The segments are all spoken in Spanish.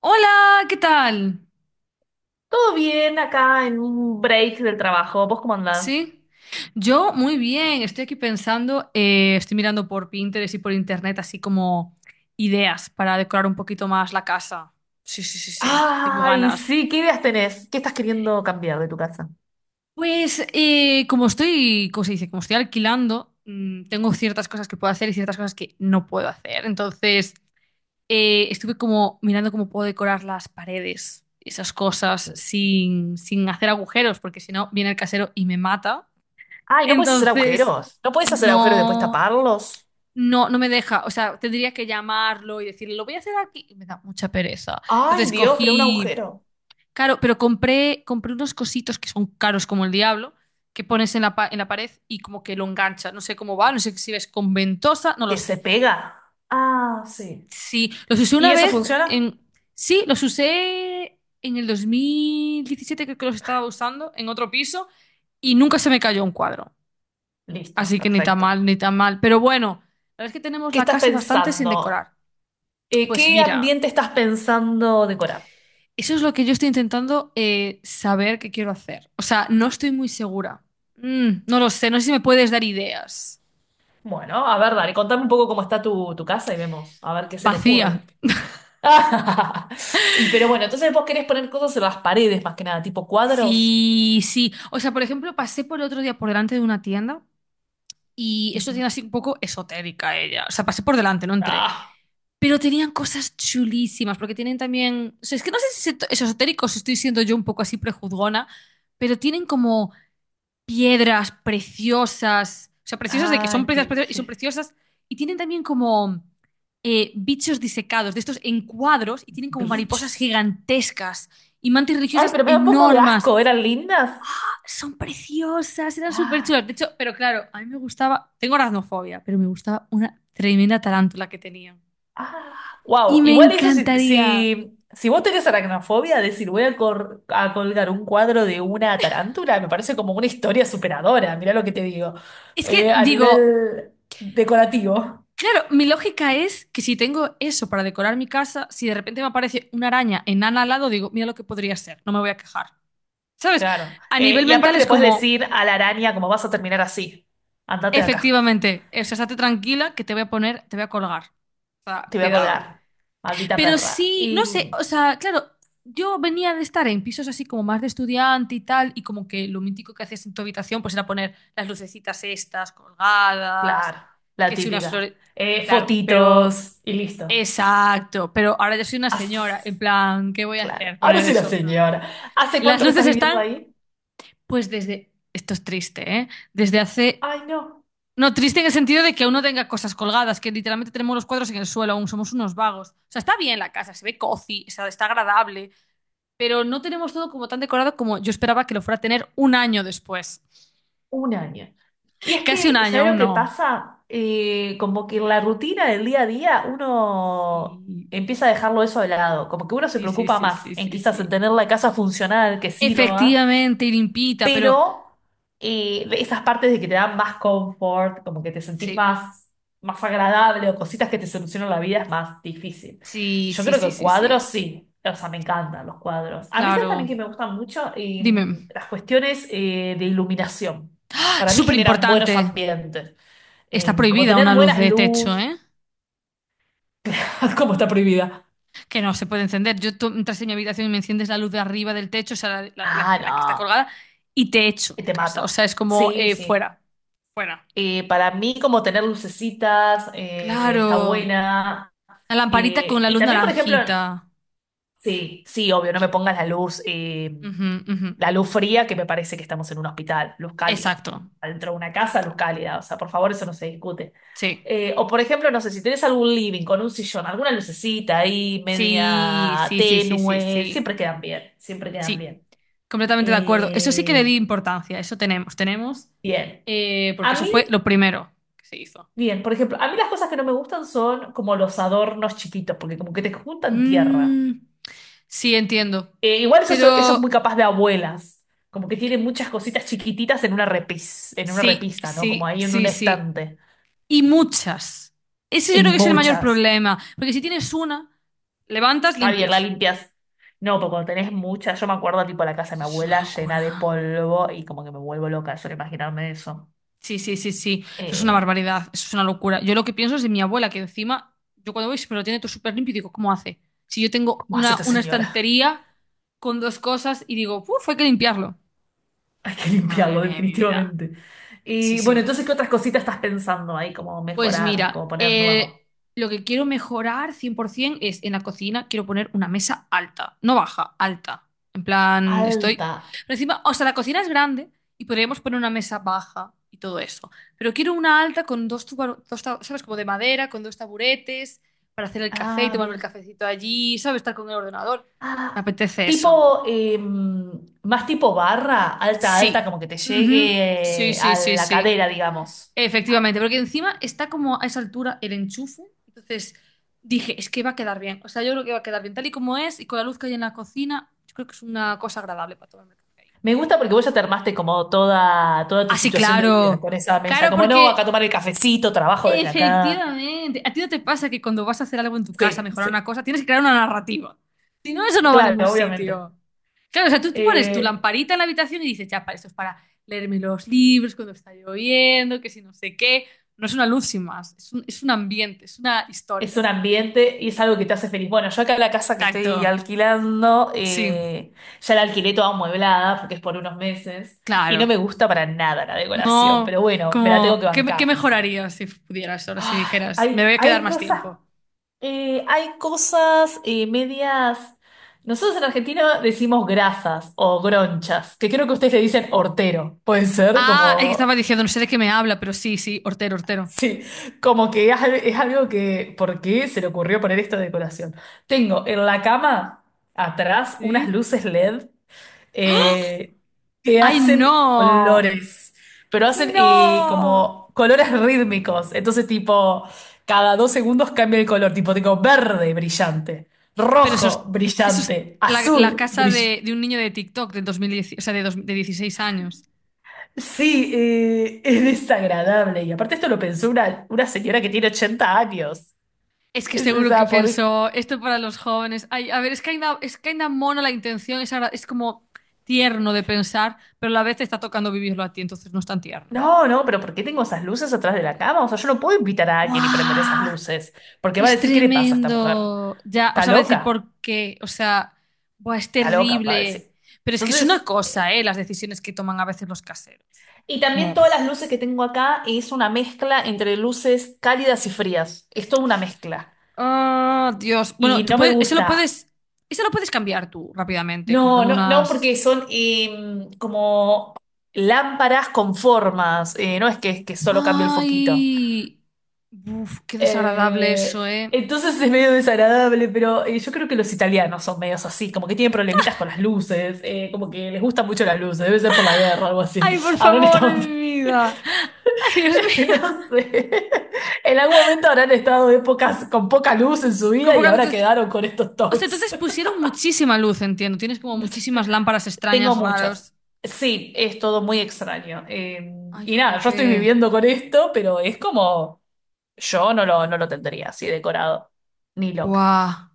Hola, ¿qué tal? Todo bien acá en un break del trabajo. ¿Vos cómo andás? Sí, yo muy bien. Estoy aquí pensando, estoy mirando por Pinterest y por internet así como ideas para decorar un poquito más la casa. Sí, sí, sí, sí. Tengo Ay, ganas. sí, ¿qué ideas tenés? ¿Qué estás queriendo cambiar de tu casa? Pues como estoy, ¿cómo se dice? Como estoy alquilando, tengo ciertas cosas que puedo hacer y ciertas cosas que no puedo hacer. Entonces, estuve como mirando cómo puedo decorar las paredes, esas cosas, sin hacer agujeros, porque si no, viene el casero y me mata. Ay, ¿no puedes hacer Entonces, agujeros? ¿No puedes hacer agujeros y después no, taparlos? No me deja. O sea, tendría que llamarlo y decirle, lo voy a hacer aquí. Y me da mucha pereza. Ay, Entonces Dios, pero un cogí, agujero. claro, pero compré unos cositos que son caros como el diablo, que pones en la, en la pared y como que lo engancha. No sé cómo va, no sé si ves con ventosa, no lo ¿Que se sé. pega? Ah, sí. Sí, los usé ¿Y una eso vez funciona? en... Sí, los usé en el 2017, creo que los estaba usando, en otro piso, y nunca se me cayó un cuadro. Listo, Así que ni tan perfecto. mal, ni tan mal. Pero bueno, la verdad es que tenemos ¿Qué la estás casa bastante sin pensando? decorar. Pues ¿Qué mira, ambiente estás pensando decorar? eso es lo que yo estoy intentando saber qué quiero hacer. O sea, no estoy muy segura. Mm, no lo sé, no sé si me puedes dar ideas. Bueno, a ver, dale, contame un poco cómo está tu casa y vemos, a ver qué se me Vacía. ocurre. Ah, Y pero bueno, entonces vos querés poner cosas en las paredes más que nada, tipo cuadros. Sí, sí. O sea, por ejemplo, pasé por el otro día por delante de una tienda y es una Ujú. tienda así un poco esotérica ella. O sea, pasé por delante, no entré. Ah, Pero tenían cosas chulísimas, porque tienen también. O sea, es que no sé si es esotérico, si estoy siendo yo un poco así prejuzgona, pero tienen como piedras preciosas. O sea, preciosas de que son ay, preciosas, qué preciosas y son sí. preciosas. Y tienen también como bichos disecados, de estos en cuadros, y tienen como mariposas Bichos. gigantescas y mantis Ay, religiosas pero me da un poco de enormes. asco, eran lindas. ¡Ah! Son preciosas, eran súper Ay, chulas. De hecho, pero claro, a mí me gustaba. Tengo aracnofobia, pero me gustaba una tremenda tarántula que tenían. ah. Y Wow, me igual eso si, encantaría. si, si vos tenés aracnofobia, decir voy a, a colgar un cuadro de una tarántula, me parece como una historia superadora, mirá lo que te digo, Es que a digo, nivel decorativo. claro, mi lógica es que si tengo eso para decorar mi casa, si de repente me aparece una araña enana al lado, digo, mira lo que podría ser, no me voy a quejar. ¿Sabes? Claro. A nivel Y mental aparte es le puedes como, decir a la araña como vas a terminar así. Andate de acá, efectivamente, o sea, estate tranquila que te voy a poner, te voy a colgar. O sea, te voy a cuidado. colgar. Maldita Pero perra. sí, Y no sé, o sea, claro, yo venía de estar en pisos así como más de estudiante y tal, y como que lo mítico que hacías en tu habitación pues era poner las lucecitas estas colgadas, claro, la que si unas típica. flores, claro, pero Fotitos y listo. exacto, pero ahora yo soy una señora, As- en plan, ¿qué voy a claro. hacer? Ahora Poner sí la eso, no. señora. ¿Hace Las cuánto que estás luces viviendo están, ahí? pues desde, esto es triste, ¿eh? Desde hace, Ay, no, no, triste en el sentido de que uno tenga cosas colgadas, que literalmente tenemos los cuadros en el suelo, aún somos unos vagos. O sea, está bien la casa, se ve cozy, o sea, está agradable, pero no tenemos todo como tan decorado como yo esperaba que lo fuera a tener un año después. un año. Y es Casi un que, año, ¿sabes lo aún que no. pasa? Como que en la rutina del día a día uno Sí, empieza a dejarlo eso de lado. Como que uno se sí, sí, preocupa sí, más sí, en sí, quizás en sí. tener la casa funcional que sirva, Efectivamente, y limpita, pero pero esas partes de que te dan más confort, como que te sentís sí. más, más agradable o cositas que te solucionan la vida es más difícil. Sí, Yo sí, creo sí, que sí, cuadros sí. sí, o sea, me encantan los cuadros. A mí sabes Claro. también que me gustan mucho Dime, las cuestiones de iluminación. Para mí súper generan buenos importante. ambientes. Está Como prohibida tener una luz buenas de techo, luz, ¿eh? como está prohibida. Que no se puede encender. Yo tú entras en mi habitación y me enciendes la luz de arriba del techo, o sea, la, Ah, la que está no, colgada, y te echo de te casa. O sea, mato. es como Sí, sí. fuera, fuera. Para mí como tener lucecitas está Claro. buena. La lamparita con la Y luz también, por ejemplo, naranjita. sí, sí, obvio, no me pongas Ujú, ujú. la luz fría, que me parece que estamos en un hospital, luz cálida. Exacto, Adentro de una casa, exacto. luz cálida. O sea, por favor, eso no se discute. Sí. O, por ejemplo, no sé, si tenés algún living con un sillón, alguna lucecita ahí, Sí, media sí, sí, sí, sí, tenue, sí. siempre quedan bien, siempre quedan Sí, bien. completamente de acuerdo. Eso sí que le Eh, di importancia, eso tenemos, tenemos, bien. Porque A eso mí, fue lo primero que se hizo. bien, por ejemplo, a mí las cosas que no me gustan son como los adornos chiquitos, porque como que te juntan tierra. Mm, sí, entiendo. Igual eso, eso es muy Pero capaz de abuelas, como que tiene muchas cositas chiquititas en una en una sí, repisa, ¿no? Como sí, ahí en un sí, sí. estante. Y muchas. Ese yo creo En que es el mayor muchas. problema, porque si tienes una, levantas, Está bien, la limpias. limpias. No, pero cuando tenés muchas, yo me acuerdo tipo la casa de Eso mi es una abuela llena de locura. polvo y como que me vuelvo loca de solo imaginarme eso. Sí, sí, sí, sí. Eso es una Eh, barbaridad, eso es una locura. Yo lo que pienso es de mi abuela, que encima, yo cuando voy siempre lo tiene todo súper limpio y digo, ¿cómo hace? Si yo tengo ¿Cómo hace esta una señora? estantería con dos cosas y digo, uff, hay que limpiarlo. Hay que Madre limpiarlo mía de mi vida. definitivamente. Sí, Y bueno, sí. entonces, ¿qué otras cositas estás pensando ahí? Como Pues mejorar, como mira, poner nuevo. Lo que quiero mejorar 100% es en la cocina, quiero poner una mesa alta, no baja, alta. En plan, estoy... Alta. Pero encima, o sea, la cocina es grande y podríamos poner una mesa baja y todo eso. Pero quiero una alta con dos, dos ¿sabes? Como de madera, con dos taburetes, para hacer el café y Ah, tomarme el bien. cafecito allí, ¿sabes? Estar con el ordenador. Me Ah, apetece eso. tipo, más tipo barra, alta, alta, Sí. como que te Ujú. llegue Sí, sí, a sí, la sí. cadera, digamos. Efectivamente, porque encima está como a esa altura el enchufe. Entonces dije, es que va a quedar bien. O sea, yo creo que va a quedar bien tal y como es y con la luz que hay en la cocina. Yo creo que es una cosa agradable para tomarme el café ahí Me por las gusta porque vos ya mañanas. te armaste como toda, toda tu Así, situación de vida claro. con esa mesa. Claro, Como no, acá porque tomar el cafecito, trabajo desde acá. efectivamente. ¿A ti no te pasa que cuando vas a hacer algo en tu casa, Sí, mejorar una sí, cosa, tienes que crear una narrativa? Si no, eso no va a ningún claro, obviamente. sitio. Claro, o sea, tú pones tu Eh, lamparita en la habitación y dices, ya, para esto es para leerme los libros cuando está lloviendo, que si no sé qué. No es una luz sin más, es un ambiente, es una Es historia. un ambiente y es algo que te hace feliz. Bueno, yo acá la casa que estoy Exacto. alquilando, Sí, ya la alquilé toda amueblada porque es por unos meses y no claro. me gusta para nada la decoración, No, pero bueno, me la tengo como, que ¿qué, qué bancar. mejorarías si pudieras ahora, si Ay, dijeras, me voy a quedar más tiempo? Hay cosas medias. Nosotros en Argentina decimos grasas o gronchas, que creo que ustedes le dicen hortero. Puede ser Ah, es que estaba como diciendo, no sé de qué me habla, pero sí, sí, hortero, hortero. sí, como que es, es algo que, ¿por qué se le ocurrió poner esta decoración? Tengo en la cama atrás unas Sí. luces LED ¡Ah! eh, que ¡Ay, hacen no! colores, pero hacen ¡No! como colores rítmicos. Entonces, tipo, cada dos segundos cambia el color. Tipo, tengo verde brillante, Pero rojo eso es brillante, la, la azul casa brillante. De un niño de TikTok de 2010, o sea, de, de 16 años. Sí, es desagradable. Y aparte esto lo pensó una señora que tiene 80 años. Es que Es seguro que esa, pensó, esto para los jóvenes. Ay, a ver, es que ainda mono la intención, es, es como tierno de pensar, pero a la vez te está tocando vivirlo a ti, entonces no es tan tierno. no, no, pero ¿por qué tengo esas luces atrás de la cama? O sea, yo no puedo invitar a alguien y prender esas ¡Guau! luces, porque va a Es decir, ¿qué le pasa a esta mujer? tremendo. Ya, os Está sea, va a decir loca, por qué. O sea, buah, es está loca, va a terrible. decir. Pero es que es una Entonces, cosa, ¿eh? Las decisiones que toman a veces los caseros. y Como, también todas las uf. luces que tengo acá es una mezcla entre luces cálidas y frías. Es toda una mezcla. Ah, Dios. Bueno, Y tú no me puedes, eso lo gusta. puedes, eso lo puedes cambiar tú rápidamente, No, comprando no, no, unas. porque son como lámparas con formas. No es que, es que solo cambio el foquito. Ay, uf, qué desagradable eso, ¿eh? Entonces es medio desagradable, pero yo creo que los italianos son medios así, como que tienen problemitas con las luces, como que les gustan mucho las luces, debe ser por la guerra o algo así. Ay, por Habrán favor, de estado, mi vida. Ay, Dios mío. no sé, en algún momento habrán estado épocas con poca luz en su Con vida y pocas ahora luces- quedaron con estos O sea, toques. entonces pusieron muchísima luz, entiendo. Tienes como muchísimas lámparas Tengo extrañas, muchos. raros. Sí, es todo muy extraño. Ay, Y nada, yo estoy jope. viviendo con esto, pero es como, yo no lo, no lo tendría así decorado, ni loca. Buah.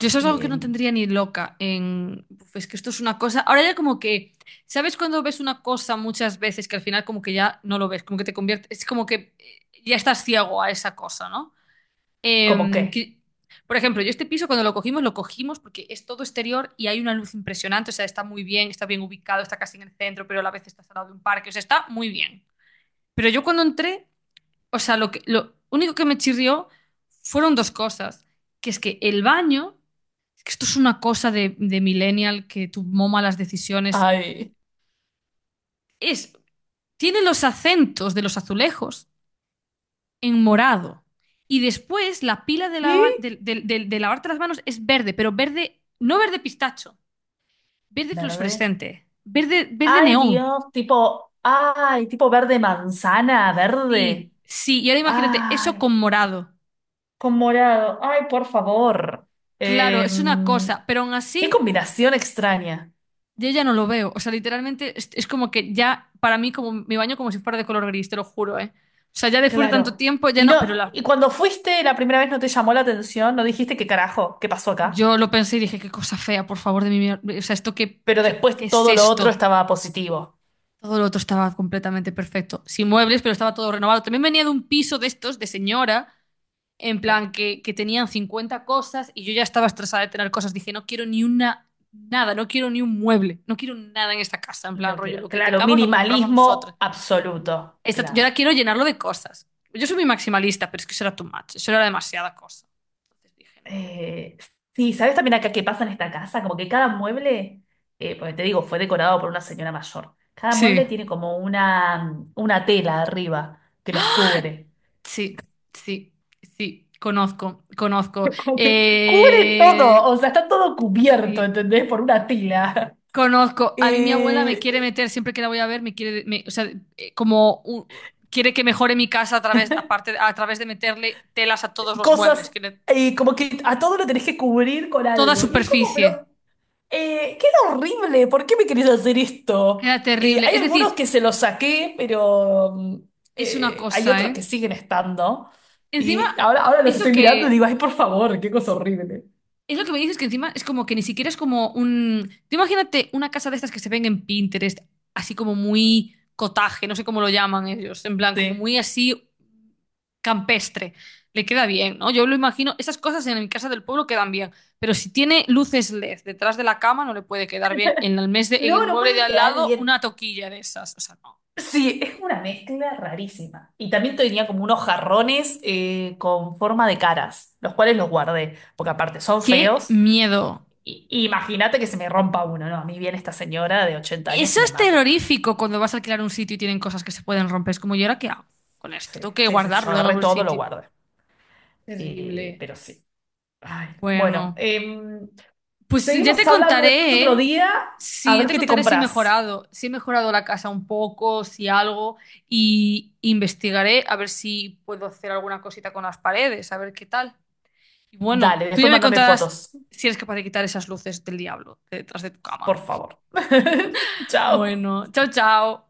Yo eso es algo que Eh, no tendría ni loca en... Uf, es que esto es una cosa... Ahora ya como que... ¿Sabes cuando ves una cosa muchas veces que al final como que ya no lo ves? Como que te convierte... Es como que ya estás ciego a esa cosa, ¿no? ¿Cómo Em, qué? que- Por ejemplo, yo este piso cuando lo cogimos porque es todo exterior y hay una luz impresionante. O sea, está muy bien, está bien ubicado, está casi en el centro, pero a la vez está al lado de un parque. O sea, está muy bien. Pero yo cuando entré... O sea, lo que, lo único que me chirrió fueron dos cosas. Que es que el baño, que esto es una cosa de millennial que tomó malas decisiones, Ay, es, tiene los acentos de los azulejos en morado. Y después la pila de, ¿y? De lavarte las manos es verde, pero verde, no verde pistacho, verde Verde. fluorescente, verde, verde Ay, neón. Dios, tipo, ay, tipo verde manzana, verde. Sí, sí, y ahora imagínate eso Ay, con morado. con morado. Ay, por favor. Claro, es una Em, cosa, pero aún qué así combinación extraña. yo ya no lo veo. O sea, literalmente es como que ya, para mí, como mi baño como si fuera de color gris, te lo juro, ¿eh? O sea, ya después de tanto Claro. tiempo, ya Y no. Pero no, la, y cuando fuiste la primera vez no te llamó la atención, no dijiste qué carajo, qué pasó acá. yo lo pensé y dije, qué cosa fea, por favor, de mi O sea, ¿esto qué, Pero qué, qué después es todo lo otro esto? estaba positivo. Todo lo otro estaba completamente perfecto. Sin muebles, pero estaba todo renovado. También venía de un piso de estos, de señora, en plan Claro. Que tenían 50 cosas y yo ya estaba estresada de tener cosas. Dije, no quiero ni una, nada, no quiero ni un mueble, no quiero nada en esta casa. En plan, No rollo, quiero. lo que Claro, tengamos lo compramos nosotros. minimalismo absoluto. Yo ahora Claro. quiero llenarlo de cosas. Yo soy muy maximalista, pero es que eso era too much, eso era demasiada cosa. Entonces dije no. Eh, sí, ¿sabes también acá qué pasa en esta casa? Como que cada mueble, porque te digo, fue decorado por una señora mayor. Cada Sí, mueble tiene como una tela arriba que los cubre. sí, sí, sí, conozco, conozco. Como que cubre todo, Eh, o sea, está todo cubierto, sí, ¿entendés? Por una tela. conozco. A mí mi abuela me quiere Eh, meter, siempre que la voy a ver, me quiere, o sea, eh, como un- quiere que mejore mi casa a través, aparte, a través de meterle telas a todos los muebles, Cosas, que como que a todo lo tenés que cubrir con toda algo. Y es como, superficie. pero eh, queda horrible, ¿por qué me querés hacer esto? Era terrible. Hay Es algunos decir, que se los saqué, pero es una hay cosa, otros ¿eh? que siguen estando. Encima, Y ahora, ahora los eso estoy mirando y digo, que ay, por favor, qué cosa horrible. es lo que me dices que encima es como que ni siquiera es como un... Tú imagínate una casa de estas que se ven en Pinterest, así como muy cotaje, no sé cómo lo llaman ellos, en plan, como Sí. muy así campestre. Le queda bien, ¿no? Yo lo imagino, esas cosas en mi casa del pueblo quedan bien, pero si tiene luces LED detrás de la cama no le puede quedar bien. En el en No, el no mueble de puede al quedar lado bien. una toquilla de esas, o sea, no. Sí, es una mezcla rarísima. Y también tenía como unos jarrones con forma de caras, los cuales los guardé, porque aparte son ¡Qué feos. miedo! Y imagínate que se me rompa uno, ¿no? A mí viene esta señora de 80 años Eso y me es mata. terrorífico cuando vas a alquilar un sitio y tienen cosas que se pueden romper. Es como, ¿y ahora qué hago con esto? Sí, Tengo que sí, sí, yo guardarlo en agarré algún todo, lo sitio. guardé. Terrible. Pero sí. Ay, bueno, Bueno, em, pues ya seguimos te hablando después contaré, otro ¿eh? día. A Sí, ya ver te qué te contaré si he compras. mejorado, si he mejorado la casa un poco, si algo, y investigaré a ver si puedo hacer alguna cosita con las paredes, a ver qué tal. Y bueno, Dale, tú ya después me mándame contarás fotos, si eres capaz de quitar esas luces del diablo de detrás de tu por cama. favor. Chao. Bueno, chao, chao.